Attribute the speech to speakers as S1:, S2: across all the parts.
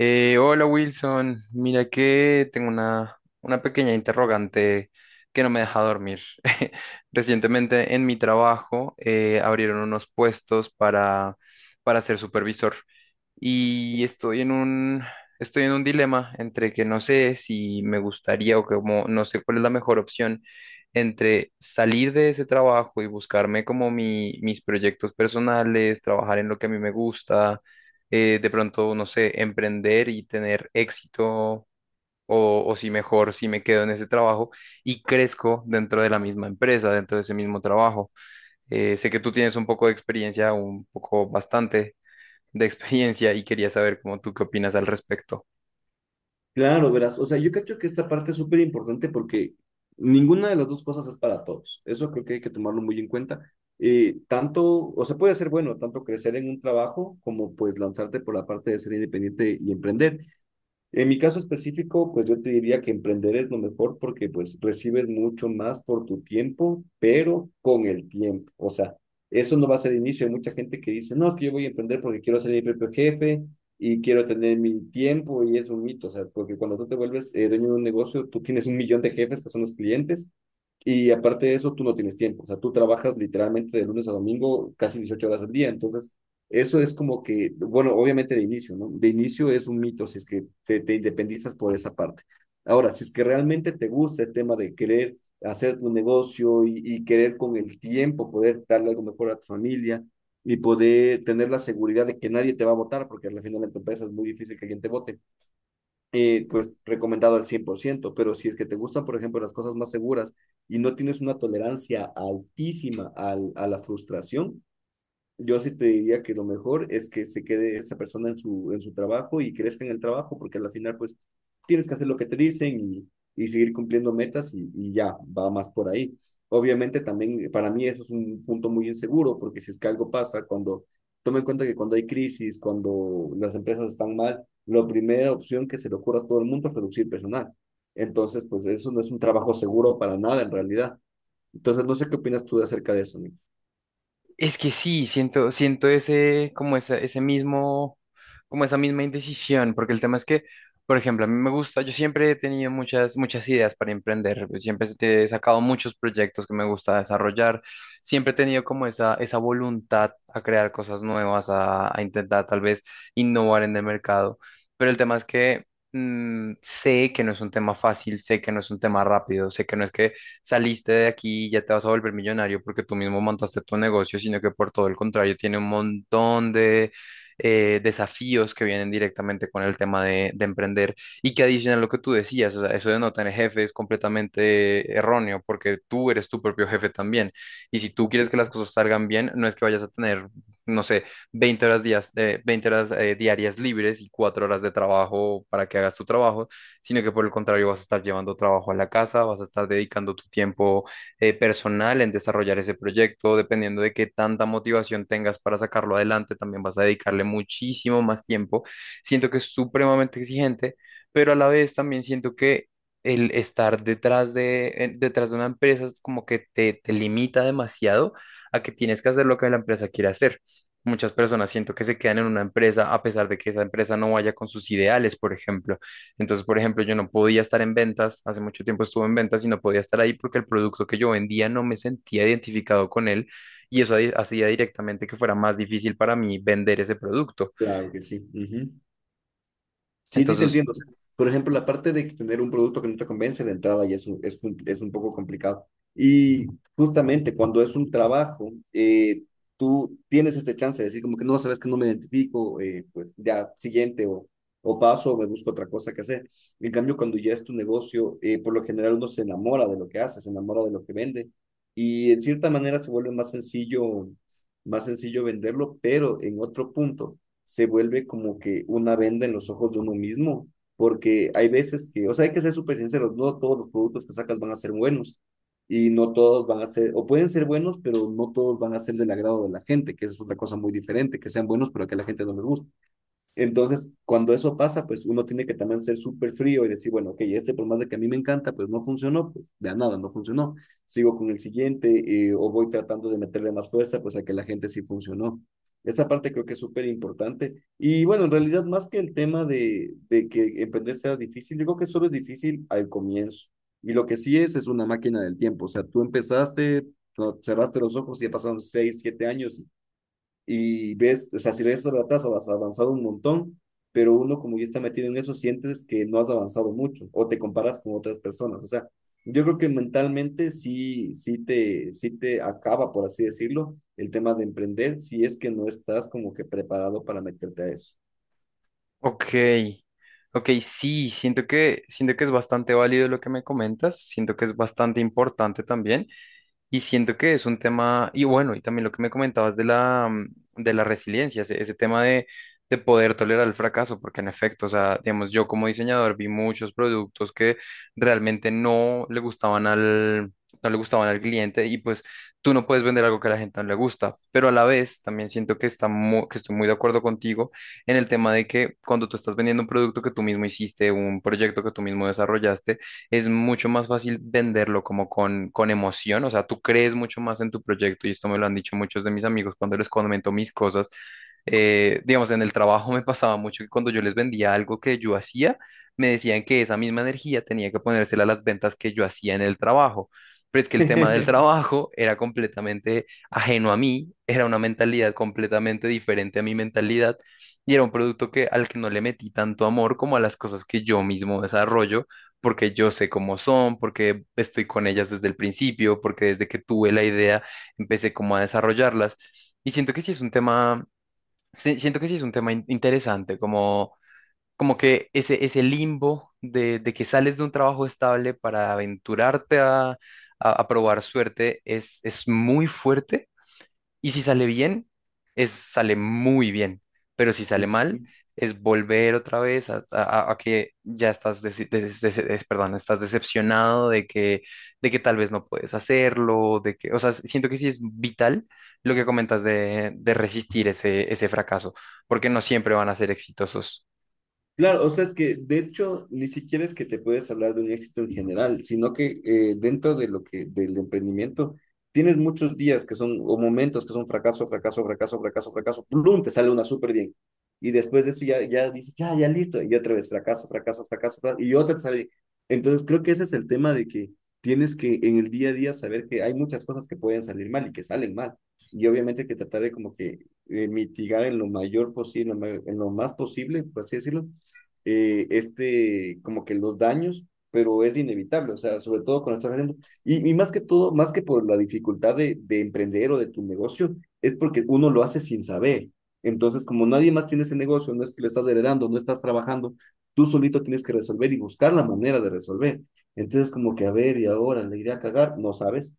S1: Hola Wilson, mira que tengo una pequeña interrogante que no me deja dormir. Recientemente en mi trabajo abrieron unos puestos para ser supervisor y estoy en un dilema entre que no sé si me gustaría o como no sé cuál es la mejor opción entre salir de ese trabajo y buscarme como mis proyectos personales, trabajar en lo que a mí me gusta de pronto, no sé, emprender y tener éxito, o si mejor, si me quedo en ese trabajo y crezco dentro de la misma empresa, dentro de ese mismo trabajo. Sé que tú tienes un poco de experiencia, un poco bastante de experiencia y quería saber cómo tú qué opinas al respecto.
S2: Claro, verás. O sea, yo cacho que esta parte es súper importante porque ninguna de las dos cosas es para todos. Eso creo que hay que tomarlo muy en cuenta. Tanto, o sea, puede ser bueno, tanto crecer en un trabajo como pues lanzarte por la parte de ser independiente y emprender. En mi caso específico, pues yo te diría que emprender es lo mejor porque pues recibes mucho más por tu tiempo, pero con el tiempo. O sea, eso no va a ser el inicio. Hay mucha gente que dice, no, es que yo voy a emprender porque quiero ser mi propio jefe y quiero tener mi tiempo y es un mito. O sea, porque cuando tú te vuelves dueño de un negocio, tú tienes un millón de jefes que son los clientes y aparte de eso, tú no tienes tiempo. O sea, tú trabajas literalmente de lunes a domingo casi 18 horas al día. Entonces, eso es como que, bueno, obviamente de inicio, ¿no? De inicio es un mito si es que te independizas por esa parte. Ahora, si es que realmente te gusta el tema de querer hacer tu negocio y querer con el tiempo poder darle algo mejor a tu familia y poder tener la seguridad de que nadie te va a votar, porque al final en tu empresa es muy difícil que alguien te vote, pues recomendado al 100%, pero si es que te gustan, por ejemplo, las cosas más seguras y no tienes una tolerancia altísima a la frustración, yo sí te diría que lo mejor es que se quede esa persona en su trabajo y crezca en el trabajo, porque al final, pues, tienes que hacer lo que te dicen y seguir cumpliendo metas y ya, va más por ahí. Obviamente también para mí eso es un punto muy inseguro, porque si es que algo pasa, cuando, toma en cuenta que cuando hay crisis, cuando las empresas están mal, la primera opción que se le ocurre a todo el mundo es reducir personal. Entonces, pues eso no es un trabajo seguro para nada en realidad. Entonces, no sé qué opinas tú acerca de eso, Nico.
S1: Es que sí, siento ese, ese mismo, como esa misma indecisión, porque el tema es que, por ejemplo, a mí me gusta, yo siempre he tenido muchas ideas para emprender, pues, siempre he sacado muchos proyectos que me gusta desarrollar, siempre he tenido como esa voluntad a crear cosas nuevas, a intentar tal vez innovar en el mercado, pero el tema es que sé que no es un tema fácil, sé que no es un tema rápido, sé que no es que saliste de aquí y ya te vas a volver millonario porque tú mismo montaste tu negocio, sino que por todo el contrario tiene un montón de desafíos que vienen directamente con el tema de emprender y que adicional a lo que tú decías, o sea, eso de no tener jefe es completamente erróneo porque tú eres tu propio jefe también. Y si tú quieres que las cosas salgan bien, no es que vayas a tener, no sé, 20 horas, días, 20 horas diarias libres y 4 horas de trabajo para que hagas tu trabajo, sino que por el contrario vas a estar llevando trabajo a la casa, vas a estar dedicando tu tiempo personal en desarrollar ese proyecto, dependiendo de qué tanta motivación tengas para sacarlo adelante, también vas a dedicarle muchísimo más tiempo. Siento que es supremamente exigente, pero a la vez también siento que el estar detrás detrás de una empresa es como que te limita demasiado a que tienes que hacer lo que la empresa quiere hacer. Muchas personas siento que se quedan en una empresa a pesar de que esa empresa no vaya con sus ideales, por ejemplo. Entonces, por ejemplo, yo no podía estar en ventas, hace mucho tiempo estuve en ventas y no podía estar ahí porque el producto que yo vendía no me sentía identificado con él y eso ahí hacía directamente que fuera más difícil para mí vender ese producto.
S2: Claro que sí. Ujú. Sí, sí, te
S1: Entonces,
S2: entiendo. O sea, por ejemplo, la parte de tener un producto que no te convence de entrada ya es un poco complicado. Y justamente cuando es un trabajo, tú tienes este chance de decir como que no, sabes que no me identifico, pues ya siguiente o paso o me busco otra cosa que hacer. En cambio, cuando ya es tu negocio, por lo general uno se enamora de lo que hace, se enamora de lo que vende y en cierta manera se vuelve más sencillo venderlo, pero en otro punto se vuelve como que una venda en los ojos de uno mismo, porque hay veces que, o sea, hay que ser súper sinceros, no todos los productos que sacas van a ser buenos y no todos van a ser, o pueden ser buenos, pero no todos van a ser del agrado de la gente, que eso es otra cosa muy diferente, que sean buenos, pero que a la gente no les guste. Entonces, cuando eso pasa, pues uno tiene que también ser súper frío y decir, bueno, ok, este por más de que a mí me encanta, pues no funcionó, pues de a nada, no funcionó. Sigo con el siguiente, o voy tratando de meterle más fuerza, pues a que la gente sí funcionó. Esa parte creo que es súper importante. Y bueno, en realidad, más que el tema de que emprender sea difícil, yo creo que solo es difícil al comienzo. Y lo que sí es una máquina del tiempo. O sea, tú empezaste, no, cerraste los ojos y ya pasaron 6, 7 años y ves, o sea, si lees esas ratas has avanzado un montón, pero uno como ya está metido en eso, sientes que no has avanzado mucho o te comparas con otras personas. O sea, yo creo que mentalmente sí, sí te acaba, por así decirlo, el tema de emprender si es que no estás como que preparado para meterte a eso.
S1: ok, ok, sí, siento que es bastante válido lo que me comentas, siento que es bastante importante también. Y siento que es un tema, y bueno, y también lo que me comentabas de la, de la resiliencia, ese tema de poder tolerar el fracaso, porque en efecto, o sea, digamos, yo como diseñador vi muchos productos que realmente no le gustaban no le gustaban al cliente y pues tú no puedes vender algo que a la gente no le gusta, pero a la vez también siento que, que estoy muy de acuerdo contigo en el tema de que cuando tú estás vendiendo un producto que tú mismo hiciste, un proyecto que tú mismo desarrollaste, es mucho más fácil venderlo como con emoción, o sea, tú crees mucho más en tu proyecto y esto me lo han dicho muchos de mis amigos cuando les comento mis cosas. Digamos, en el trabajo me pasaba mucho que cuando yo les vendía algo que yo hacía, me decían que esa misma energía tenía que ponérsela a las ventas que yo hacía en el trabajo. Pero es que el tema del trabajo era completamente ajeno a mí, era una mentalidad completamente diferente a mi mentalidad y era un producto que al que no le metí tanto amor como a las cosas que yo mismo desarrollo porque yo sé cómo son, porque estoy con ellas desde el principio, porque desde que tuve la idea empecé como a desarrollarlas. Y siento que sí es un tema, siento que sí es un tema interesante, como, como que ese limbo de que sales de un trabajo estable para aventurarte a probar suerte es muy fuerte y si sale bien, es, sale muy bien. Pero si sale mal, es volver otra vez a que ya estás, perdón, estás decepcionado de que tal vez no puedes hacerlo, de que, o sea, siento que sí es vital lo que comentas de resistir ese fracaso, porque no siempre van a ser exitosos.
S2: Claro, o sea, es que de hecho ni siquiera es que te puedes hablar de un éxito en general, sino que dentro de lo que del emprendimiento tienes muchos días que son o momentos que son fracaso, fracaso, fracaso, fracaso, fracaso, plum, te sale una súper bien. Y después de eso ya, ya dices, ya, ya listo, y otra vez fracaso, fracaso, fracaso, fracaso, y otra te sale bien. Entonces creo que ese es el tema de que tienes que en el día a día saber que hay muchas cosas que pueden salir mal y que salen mal. Y obviamente que tratar de como que mitigar en lo mayor posible, en lo más posible, por así decirlo, este, como que los daños, pero es inevitable, o sea, sobre todo cuando estás haciendo, y más que todo, más que por la dificultad de emprender o de tu negocio, es porque uno lo hace sin saber. Entonces, como nadie más tiene ese negocio, no es que lo estás heredando, no estás trabajando, tú solito tienes que resolver y buscar la manera de resolver. Entonces, como que, a ver, y ahora le iré a cagar, no sabes.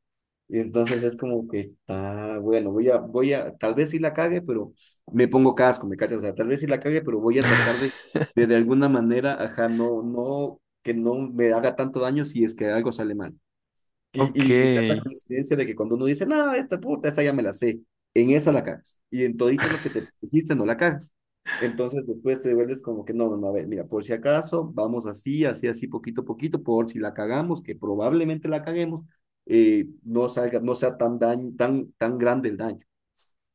S2: Y entonces es como que está, bueno, tal vez sí la cague, pero me pongo casco, me cachas, o sea, tal vez sí la cague, pero voy a tratar de de, de alguna manera, ajá, no, no, que no me haga tanto daño si es que algo sale mal.
S1: Ok,
S2: Y da la coincidencia de que cuando uno dice, no, esta puta, esta ya me la sé, en esa la cagas. Y en toditas las que te dijiste no la cagas. Entonces después te vuelves como que, no, no, no, a ver, mira, por si acaso, vamos así, así, así, poquito a poquito, por si la cagamos, que probablemente la caguemos, no salga, no sea tan daño, tan grande el daño.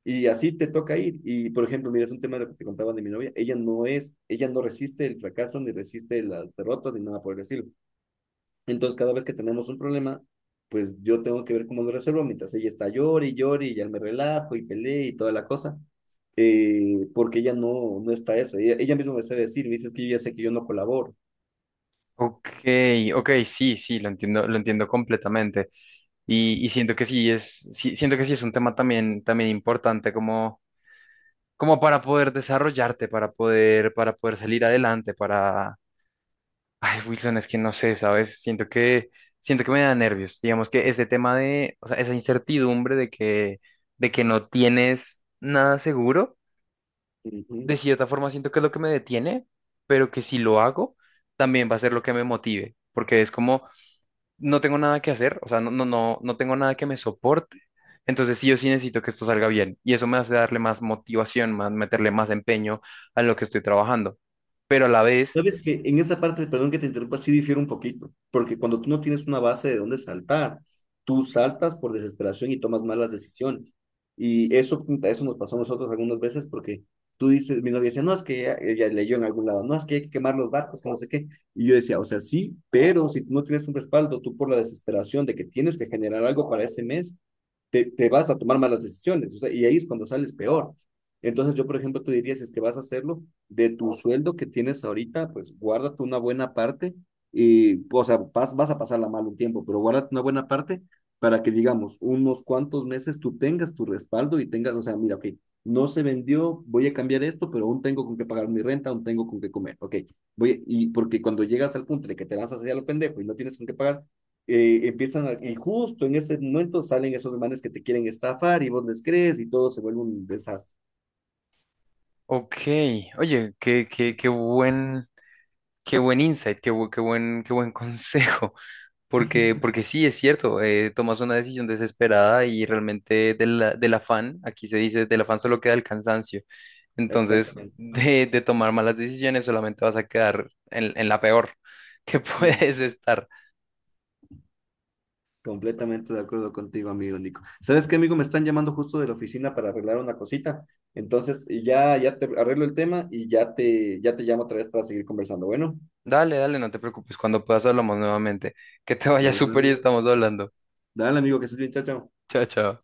S2: Y así te toca ir. Y por ejemplo, mira, es un tema de lo que te contaban de mi novia. Ella no resiste el fracaso, ni resiste las derrotas, ni nada por el estilo. Entonces, cada vez que tenemos un problema, pues yo tengo que ver cómo lo resuelvo, mientras ella está llore y llore y ya me relajo y peleé y toda la cosa. Porque ella no, no está eso. Ella misma me sabe decir, me dice que yo ya sé que yo no colaboro.
S1: ok, ok, sí, sí, lo entiendo completamente. Y siento que sí siento que sí es un tema también, también importante como, como para poder desarrollarte, para poder salir adelante, para... Ay, Wilson, es que no sé, ¿sabes? Siento que me da nervios. Digamos que este tema de, o sea, esa incertidumbre de que no tienes nada seguro,
S2: Uh -huh.
S1: de cierta forma siento que es lo que me detiene, pero que si lo hago, también va a ser lo que me motive, porque es como no tengo nada que hacer, o sea, no tengo nada que me soporte. Entonces sí, yo sí necesito que esto salga bien y eso me hace darle más motivación, más meterle más empeño a lo que estoy trabajando. Pero a la vez,
S2: Sabes que en esa parte, perdón que te interrumpa, sí difiere un poquito, porque cuando tú no tienes una base de dónde saltar, tú saltas por desesperación y tomas malas decisiones. Y eso, puta, eso nos pasó a nosotros algunas veces porque tú dices, mi novia decía, no, es que ella leyó en algún lado, no, es que hay que quemar los barcos, que no sé qué. Y yo decía, o sea, sí, pero si tú no tienes un respaldo, tú por la desesperación de que tienes que generar algo para ese mes, te vas a tomar malas decisiones, o sea, y ahí es cuando sales peor. Entonces yo, por ejemplo, te diría, si es que vas a hacerlo, de tu sueldo que tienes ahorita, pues guárdate una buena parte y, o sea, vas a pasarla mal un tiempo, pero guárdate una buena parte para que, digamos, unos cuantos meses tú tengas tu respaldo y tengas, o sea, mira, ok, no se vendió, voy a cambiar esto, pero aún tengo con qué pagar mi renta, aún tengo con qué comer, ok, voy, y porque cuando llegas al punto de que te lanzas hacia lo pendejo y no tienes con qué pagar, empiezan a- y justo en ese momento salen esos hermanos que te quieren estafar y vos les crees y todo se vuelve un desastre.
S1: ok, oye, qué qué buen insight, qué buen consejo. Porque sí, es cierto, tomas una decisión desesperada y realmente del afán, aquí se dice, del afán solo queda el cansancio. Entonces,
S2: Exactamente. Ajá.
S1: de tomar malas decisiones solamente vas a quedar en la peor que
S2: Mm,
S1: puedes estar.
S2: completamente de acuerdo contigo, amigo Nico. ¿Sabes qué, amigo? Me están llamando justo de la oficina para arreglar una cosita. Entonces, y ya, ya te arreglo el tema y ya te llamo otra vez para seguir conversando. Bueno,
S1: Dale, dale, no te preocupes, cuando puedas hablamos nuevamente. Que te
S2: de
S1: vaya
S2: bueno,
S1: súper y
S2: amigo.
S1: estamos hablando.
S2: Dale, amigo, que estés bien, chao, chao.
S1: Chao, chao.